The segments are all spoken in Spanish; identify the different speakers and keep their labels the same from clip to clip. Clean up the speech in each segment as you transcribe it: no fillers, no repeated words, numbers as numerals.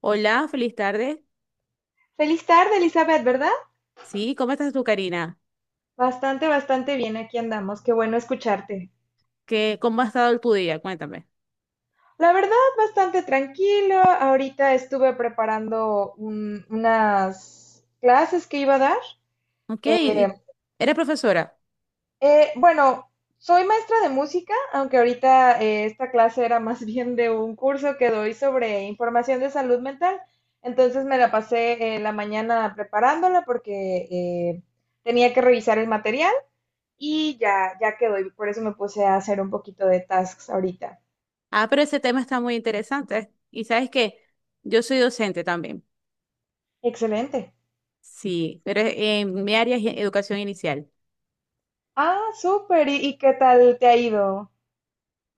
Speaker 1: Hola, feliz tarde.
Speaker 2: Feliz tarde, Elizabeth, ¿verdad?
Speaker 1: Sí, ¿cómo estás tú, Karina?
Speaker 2: Bastante, bastante bien, aquí andamos. Qué bueno escucharte.
Speaker 1: ¿Qué, cómo ha estado tu día? Cuéntame.
Speaker 2: La verdad, bastante tranquilo. Ahorita estuve preparando unas clases que iba a dar.
Speaker 1: Ok,
Speaker 2: Eh,
Speaker 1: eres profesora.
Speaker 2: bueno, soy maestra de música, aunque ahorita esta clase era más bien de un curso que doy sobre información de salud mental. Entonces me la pasé la mañana preparándola porque tenía que revisar el material y ya, ya quedó. Y por eso me puse a hacer un poquito de tasks ahorita.
Speaker 1: Ah, pero ese tema está muy interesante. ¿Y sabes qué? Yo soy docente también.
Speaker 2: Excelente.
Speaker 1: Sí, pero en mi área es educación inicial.
Speaker 2: Ah, súper. Y qué tal te ha ido?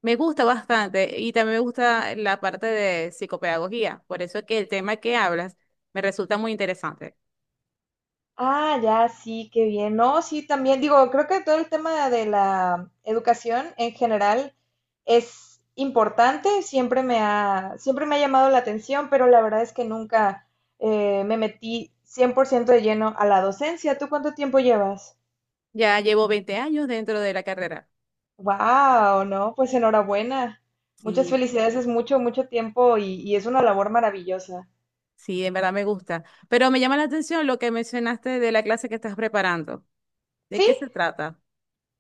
Speaker 1: Me gusta bastante y también me gusta la parte de psicopedagogía. Por eso es que el tema que hablas me resulta muy interesante.
Speaker 2: Ah, ya, sí, qué bien. No, sí, también digo, creo que todo el tema de la educación en general es importante, siempre me ha llamado la atención, pero la verdad es que nunca me metí 100% de lleno a la docencia. ¿Tú cuánto tiempo llevas?
Speaker 1: Ya llevo 20 años dentro de la carrera.
Speaker 2: Wow, no, pues enhorabuena. Muchas
Speaker 1: Sí,
Speaker 2: felicidades, es mucho, mucho tiempo y es una labor maravillosa.
Speaker 1: Sí, en verdad me gusta. Pero me llama la atención lo que mencionaste de la clase que estás preparando. ¿De
Speaker 2: Sí,
Speaker 1: qué se trata?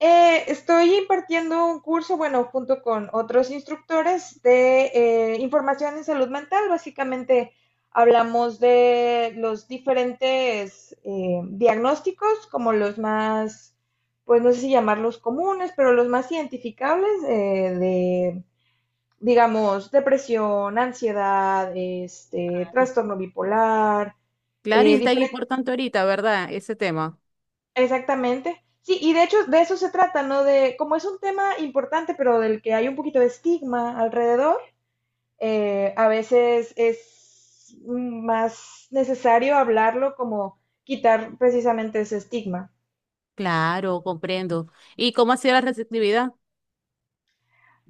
Speaker 2: estoy impartiendo un curso, bueno, junto con otros instructores de información en salud mental. Básicamente hablamos de los diferentes diagnósticos, como los más, pues no sé si llamarlos comunes, pero los más identificables digamos, depresión, ansiedad, este, trastorno bipolar,
Speaker 1: Claro, y
Speaker 2: eh,
Speaker 1: está ahí
Speaker 2: diferente,
Speaker 1: importante ahorita, ¿verdad? Ese tema.
Speaker 2: exactamente. Sí, y de hecho de eso se trata, ¿no? De, como es un tema importante, pero del que hay un poquito de estigma alrededor, a veces es más necesario hablarlo, como quitar precisamente ese estigma.
Speaker 1: Claro, comprendo. ¿Y cómo ha sido la receptividad?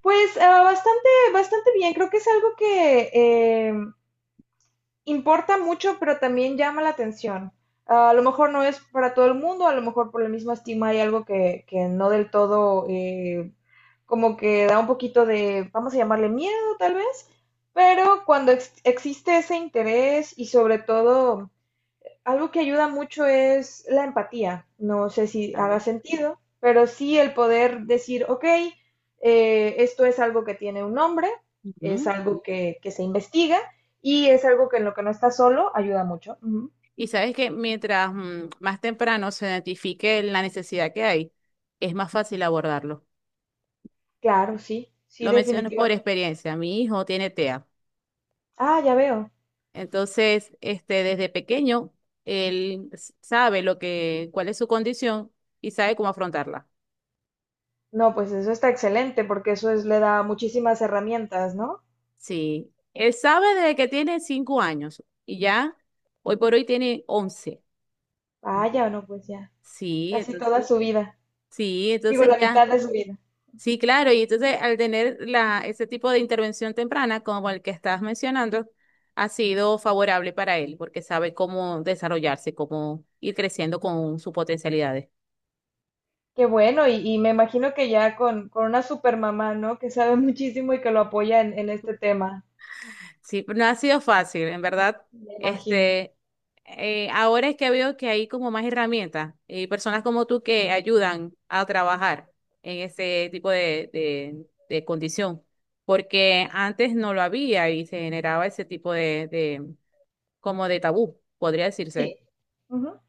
Speaker 2: Pues bastante, bastante bien, creo que es algo que eh, importa mucho, pero también llama la atención. Ah, A lo mejor no es para todo el mundo, a lo mejor por el mismo estigma hay algo que no del todo, como que da un poquito de, vamos a llamarle miedo tal vez, pero cuando existe ese interés, y sobre todo algo que ayuda mucho es la empatía. No sé si haga
Speaker 1: Claro.
Speaker 2: sentido, pero sí, el poder decir, ok, esto es algo que tiene un nombre, es
Speaker 1: Ujú.
Speaker 2: algo que se investiga y es algo que en lo que no está solo ayuda mucho. Ujú.
Speaker 1: Y sabes que mientras más temprano se identifique la necesidad que hay, es más fácil abordarlo.
Speaker 2: Claro, sí, sí,
Speaker 1: Lo menciono por
Speaker 2: definitivamente.
Speaker 1: experiencia. Mi hijo tiene TEA.
Speaker 2: Ah, ya veo.
Speaker 1: Entonces, este, desde pequeño, sabe lo que, cuál es su condición y sabe cómo afrontarla.
Speaker 2: No, pues eso está excelente porque eso es, le da muchísimas herramientas, ¿no?
Speaker 1: Sí, él sabe desde que tiene 5 años y ya hoy por hoy tiene 11. Ento-
Speaker 2: Vaya, no, pues ya,
Speaker 1: Sí,
Speaker 2: casi
Speaker 1: entonces,
Speaker 2: toda su vida. Digo, la
Speaker 1: ya,
Speaker 2: mitad de su vida.
Speaker 1: sí, claro, y entonces al tener ese tipo de intervención temprana como el que estás mencionando, ha sido favorable para él porque sabe cómo desarrollarse, cómo ir creciendo con sus potencialidades.
Speaker 2: Qué bueno, y me imagino que ya con una super mamá, ¿no? Que sabe muchísimo y que lo apoya en este tema,
Speaker 1: Sí, no ha sido fácil, en verdad.
Speaker 2: me imagino.
Speaker 1: Este, ahora es que veo que hay como más herramientas y personas como tú que ayudan a trabajar en ese tipo de condición, porque antes no lo había y se generaba ese tipo de como de tabú, podría decirse.
Speaker 2: Sí. Ujú.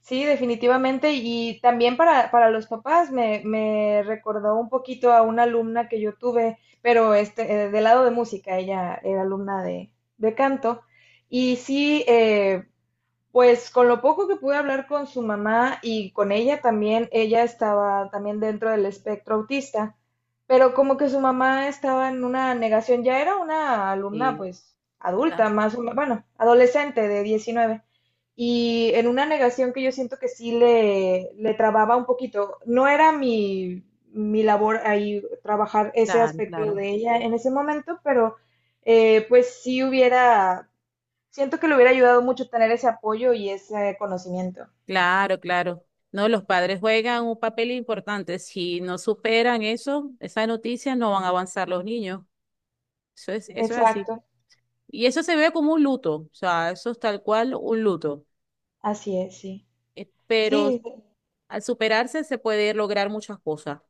Speaker 2: Sí, definitivamente. Y también para los papás me, me recordó un poquito a una alumna que yo tuve, pero este, del lado de música, ella era alumna de canto. Y sí, pues con lo poco que pude hablar con su mamá y con ella también, ella estaba también dentro del espectro autista, pero como que su mamá estaba en una negación. Ya era una alumna
Speaker 1: Sí,
Speaker 2: pues adulta,
Speaker 1: Ah,
Speaker 2: más o menos, bueno, adolescente de 19, y en una negación que yo siento que sí le trababa un poquito. No era mi labor ahí trabajar ese
Speaker 1: claro,
Speaker 2: aspecto
Speaker 1: claro,
Speaker 2: de ella en ese momento, pero pues sí hubiera siento que le hubiera ayudado mucho tener ese apoyo y ese conocimiento.
Speaker 1: claro, claro. No, los padres juegan un papel importante. Si no superan eso, esa noticia, no van a avanzar los niños. Eso es así.
Speaker 2: Exacto,
Speaker 1: Y eso se ve como un luto, o sea, eso es tal cual un luto.
Speaker 2: así es, sí.
Speaker 1: Pero
Speaker 2: Sí,
Speaker 1: al superarse se puede lograr muchas cosas.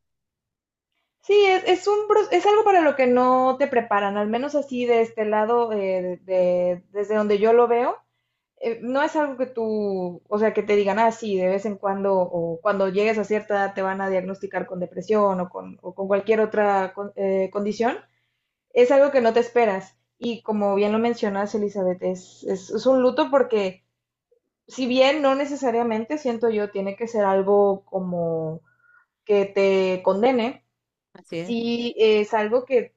Speaker 2: sí, es un, es algo para lo que no te preparan, al menos así de este lado, desde donde yo lo veo, no es algo que tú, o sea, que te digan, ah, sí, de vez en cuando o cuando llegues a cierta edad te van a diagnosticar con depresión o con cualquier otra condición, es algo que no te esperas. Y como bien lo mencionas, Elizabeth, es un luto porque, si bien no necesariamente, siento yo, tiene que ser algo como que te condene,
Speaker 1: Así es.
Speaker 2: sí es algo que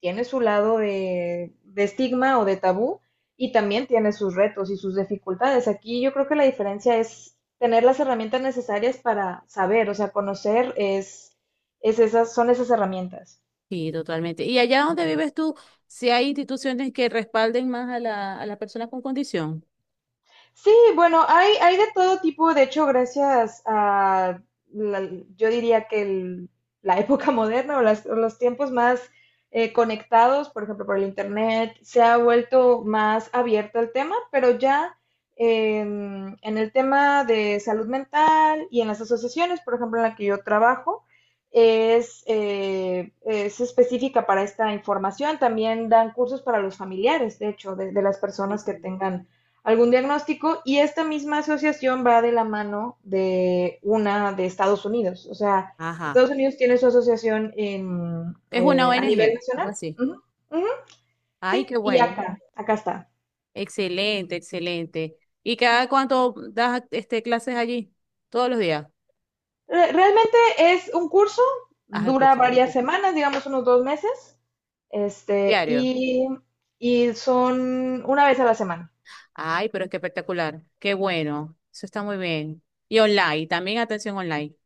Speaker 2: tiene su lado de estigma o de tabú, y también tiene sus retos y sus dificultades. Aquí yo creo que la diferencia es tener las herramientas necesarias para saber, o sea, conocer es esas, son esas herramientas.
Speaker 1: Sí, totalmente. ¿Y allá donde vives tú, si hay instituciones que respalden más a a las personas con condición?
Speaker 2: Sí, bueno, hay de todo tipo. De hecho, gracias a, la- yo diría que la época moderna, o o los tiempos más conectados, por ejemplo, por el Internet, se ha vuelto más abierto el tema. Pero ya en el tema de salud mental y en las asociaciones, por ejemplo, en la que yo trabajo, es específica para esta información. También dan cursos para los familiares, de hecho, de las personas que
Speaker 1: Buenísimo.
Speaker 2: tengan algún diagnóstico, y esta misma asociación va de la mano de una de Estados Unidos. O sea, Estados
Speaker 1: Ajá.
Speaker 2: Unidos tiene su asociación en,
Speaker 1: Es una
Speaker 2: a nivel
Speaker 1: ONG, algo
Speaker 2: nacional.
Speaker 1: así.
Speaker 2: Uh -huh, uh -huh,
Speaker 1: Ay,
Speaker 2: sí,
Speaker 1: qué
Speaker 2: y
Speaker 1: bueno.
Speaker 2: acá, acá está.
Speaker 1: Excelente, excelente. ¿Y cada cuánto das este, clases allí? Todos los días.
Speaker 2: Realmente es un curso,
Speaker 1: Haz el
Speaker 2: dura
Speaker 1: curso. Bueno.
Speaker 2: varias semanas, digamos unos 2 meses, este,
Speaker 1: Diario.
Speaker 2: y son una vez a la semana.
Speaker 1: Ay, pero es que espectacular. Qué bueno. Eso está muy bien. Y online, también atención online.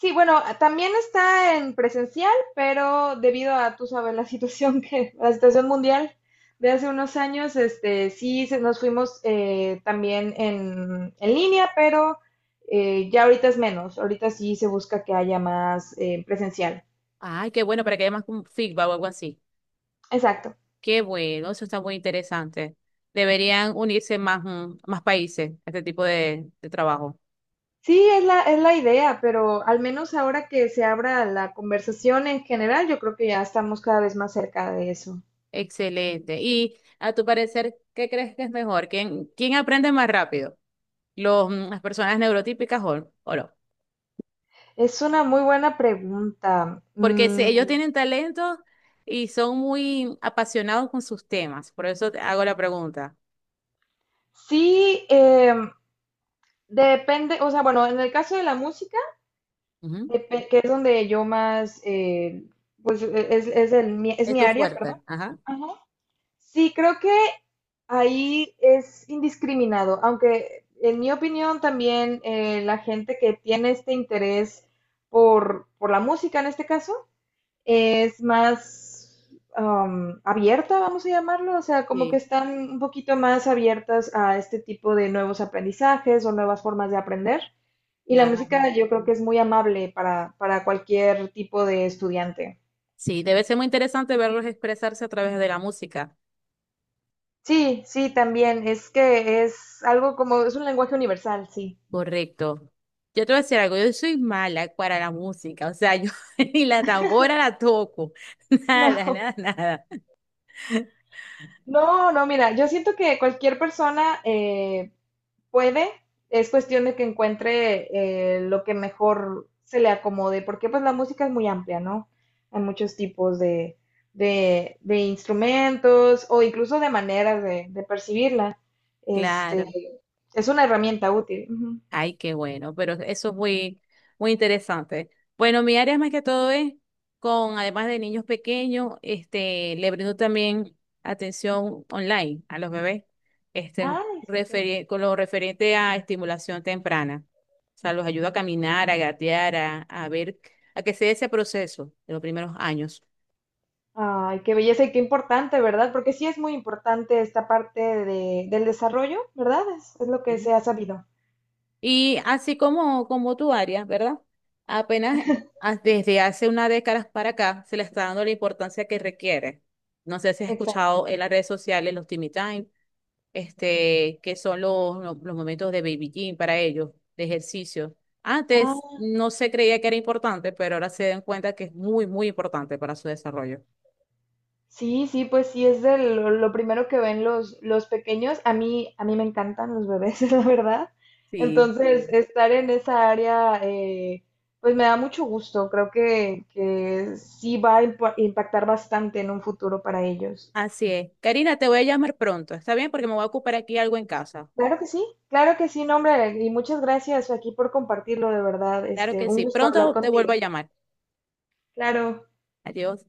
Speaker 2: Sí, bueno, también está en presencial, pero debido a, tú sabes, la situación que, la situación mundial de hace unos años, este, sí nos fuimos también en línea, pero ya ahorita es menos. Ahorita sí se busca que haya más presencial.
Speaker 1: Ay, qué bueno, para que haya más un feedback o algo así.
Speaker 2: Exacto.
Speaker 1: Qué bueno, eso está muy interesante. Deberían unirse más, más países a este tipo de trabajo.
Speaker 2: Sí, es la idea, pero al menos ahora que se abra la conversación en general, yo creo que ya estamos cada vez más cerca de eso.
Speaker 1: Excelente. Y a tu parecer, ¿qué crees que es mejor? ¿Quién, quién aprende más rápido? ¿Los, las personas neurotípicas o no?
Speaker 2: Es una muy buena pregunta.
Speaker 1: Porque si
Speaker 2: Mm,
Speaker 1: ellos tienen talento y son muy apasionados con sus temas. Por eso te hago la pregunta.
Speaker 2: sí, depende, o sea, bueno, en el caso de la música, que es donde yo más, es
Speaker 1: Es
Speaker 2: mi
Speaker 1: tu
Speaker 2: área, perdón.
Speaker 1: fuerte. Ajá.
Speaker 2: Ajá. Sí, creo que ahí es indiscriminado, aunque en mi opinión también la gente que tiene este interés por la música en este caso, es más abierta, vamos a llamarlo, o sea, como que
Speaker 1: Sí,
Speaker 2: están un poquito más abiertas a este tipo de nuevos aprendizajes o nuevas formas de aprender. Y la
Speaker 1: claro.
Speaker 2: música yo creo que es muy amable para cualquier tipo de estudiante.
Speaker 1: Sí, debe ser muy interesante verlos expresarse a través de la música.
Speaker 2: Sí, sí, también. Es que es algo como, es un lenguaje universal, sí.
Speaker 1: Correcto. Yo te voy a decir algo, yo soy mala para la música, o sea, yo ni la tambora la toco, nada, nada, nada.
Speaker 2: No, no, no, mira, yo siento que cualquier persona puede, es cuestión de que encuentre lo que mejor se le acomode, porque pues la música es muy amplia, ¿no? Hay muchos tipos de instrumentos o incluso de maneras de percibirla. Este,
Speaker 1: Claro.
Speaker 2: es una herramienta útil. Ujú.
Speaker 1: Ay, qué bueno, pero eso es muy, muy interesante. Bueno, mi área más que todo es con, además de niños pequeños, este, le brindo también atención online a los bebés, este,
Speaker 2: Ay, súper.
Speaker 1: con lo referente a estimulación temprana. O sea, los ayudo a caminar, a gatear, a ver, a que se dé ese proceso de los primeros años.
Speaker 2: Ay, qué belleza, y qué importante, ¿verdad? Porque sí es muy importante esta parte del desarrollo, ¿verdad? Es lo que se ha sabido.
Speaker 1: Y así como, como tu área, ¿verdad? Apenas desde hace una década para acá se le está dando la importancia que requiere. No sé si has
Speaker 2: Exacto.
Speaker 1: escuchado en las redes sociales los Timmy Time, este, que son los momentos de Baby Gym para ellos, de ejercicio. Antes no se creía que era importante, pero ahora se dan cuenta que es muy, muy importante para su desarrollo.
Speaker 2: Sí, sí, pues sí, es de lo primero que ven los pequeños. A mí me encantan los bebés, la verdad.
Speaker 1: Sí.
Speaker 2: Entonces, sí, estar en esa área, pues me da mucho gusto. Creo que sí va a impactar bastante en un futuro para ellos.
Speaker 1: Así es. Karina, te voy a llamar pronto. ¿Está bien? Porque me voy a ocupar aquí algo en casa.
Speaker 2: Claro que sí, no, hombre, y muchas gracias aquí por compartirlo, de verdad.
Speaker 1: Claro
Speaker 2: Este,
Speaker 1: que
Speaker 2: un
Speaker 1: sí.
Speaker 2: gusto hablar
Speaker 1: Pronto te vuelvo
Speaker 2: contigo.
Speaker 1: a llamar.
Speaker 2: Claro.
Speaker 1: Adiós.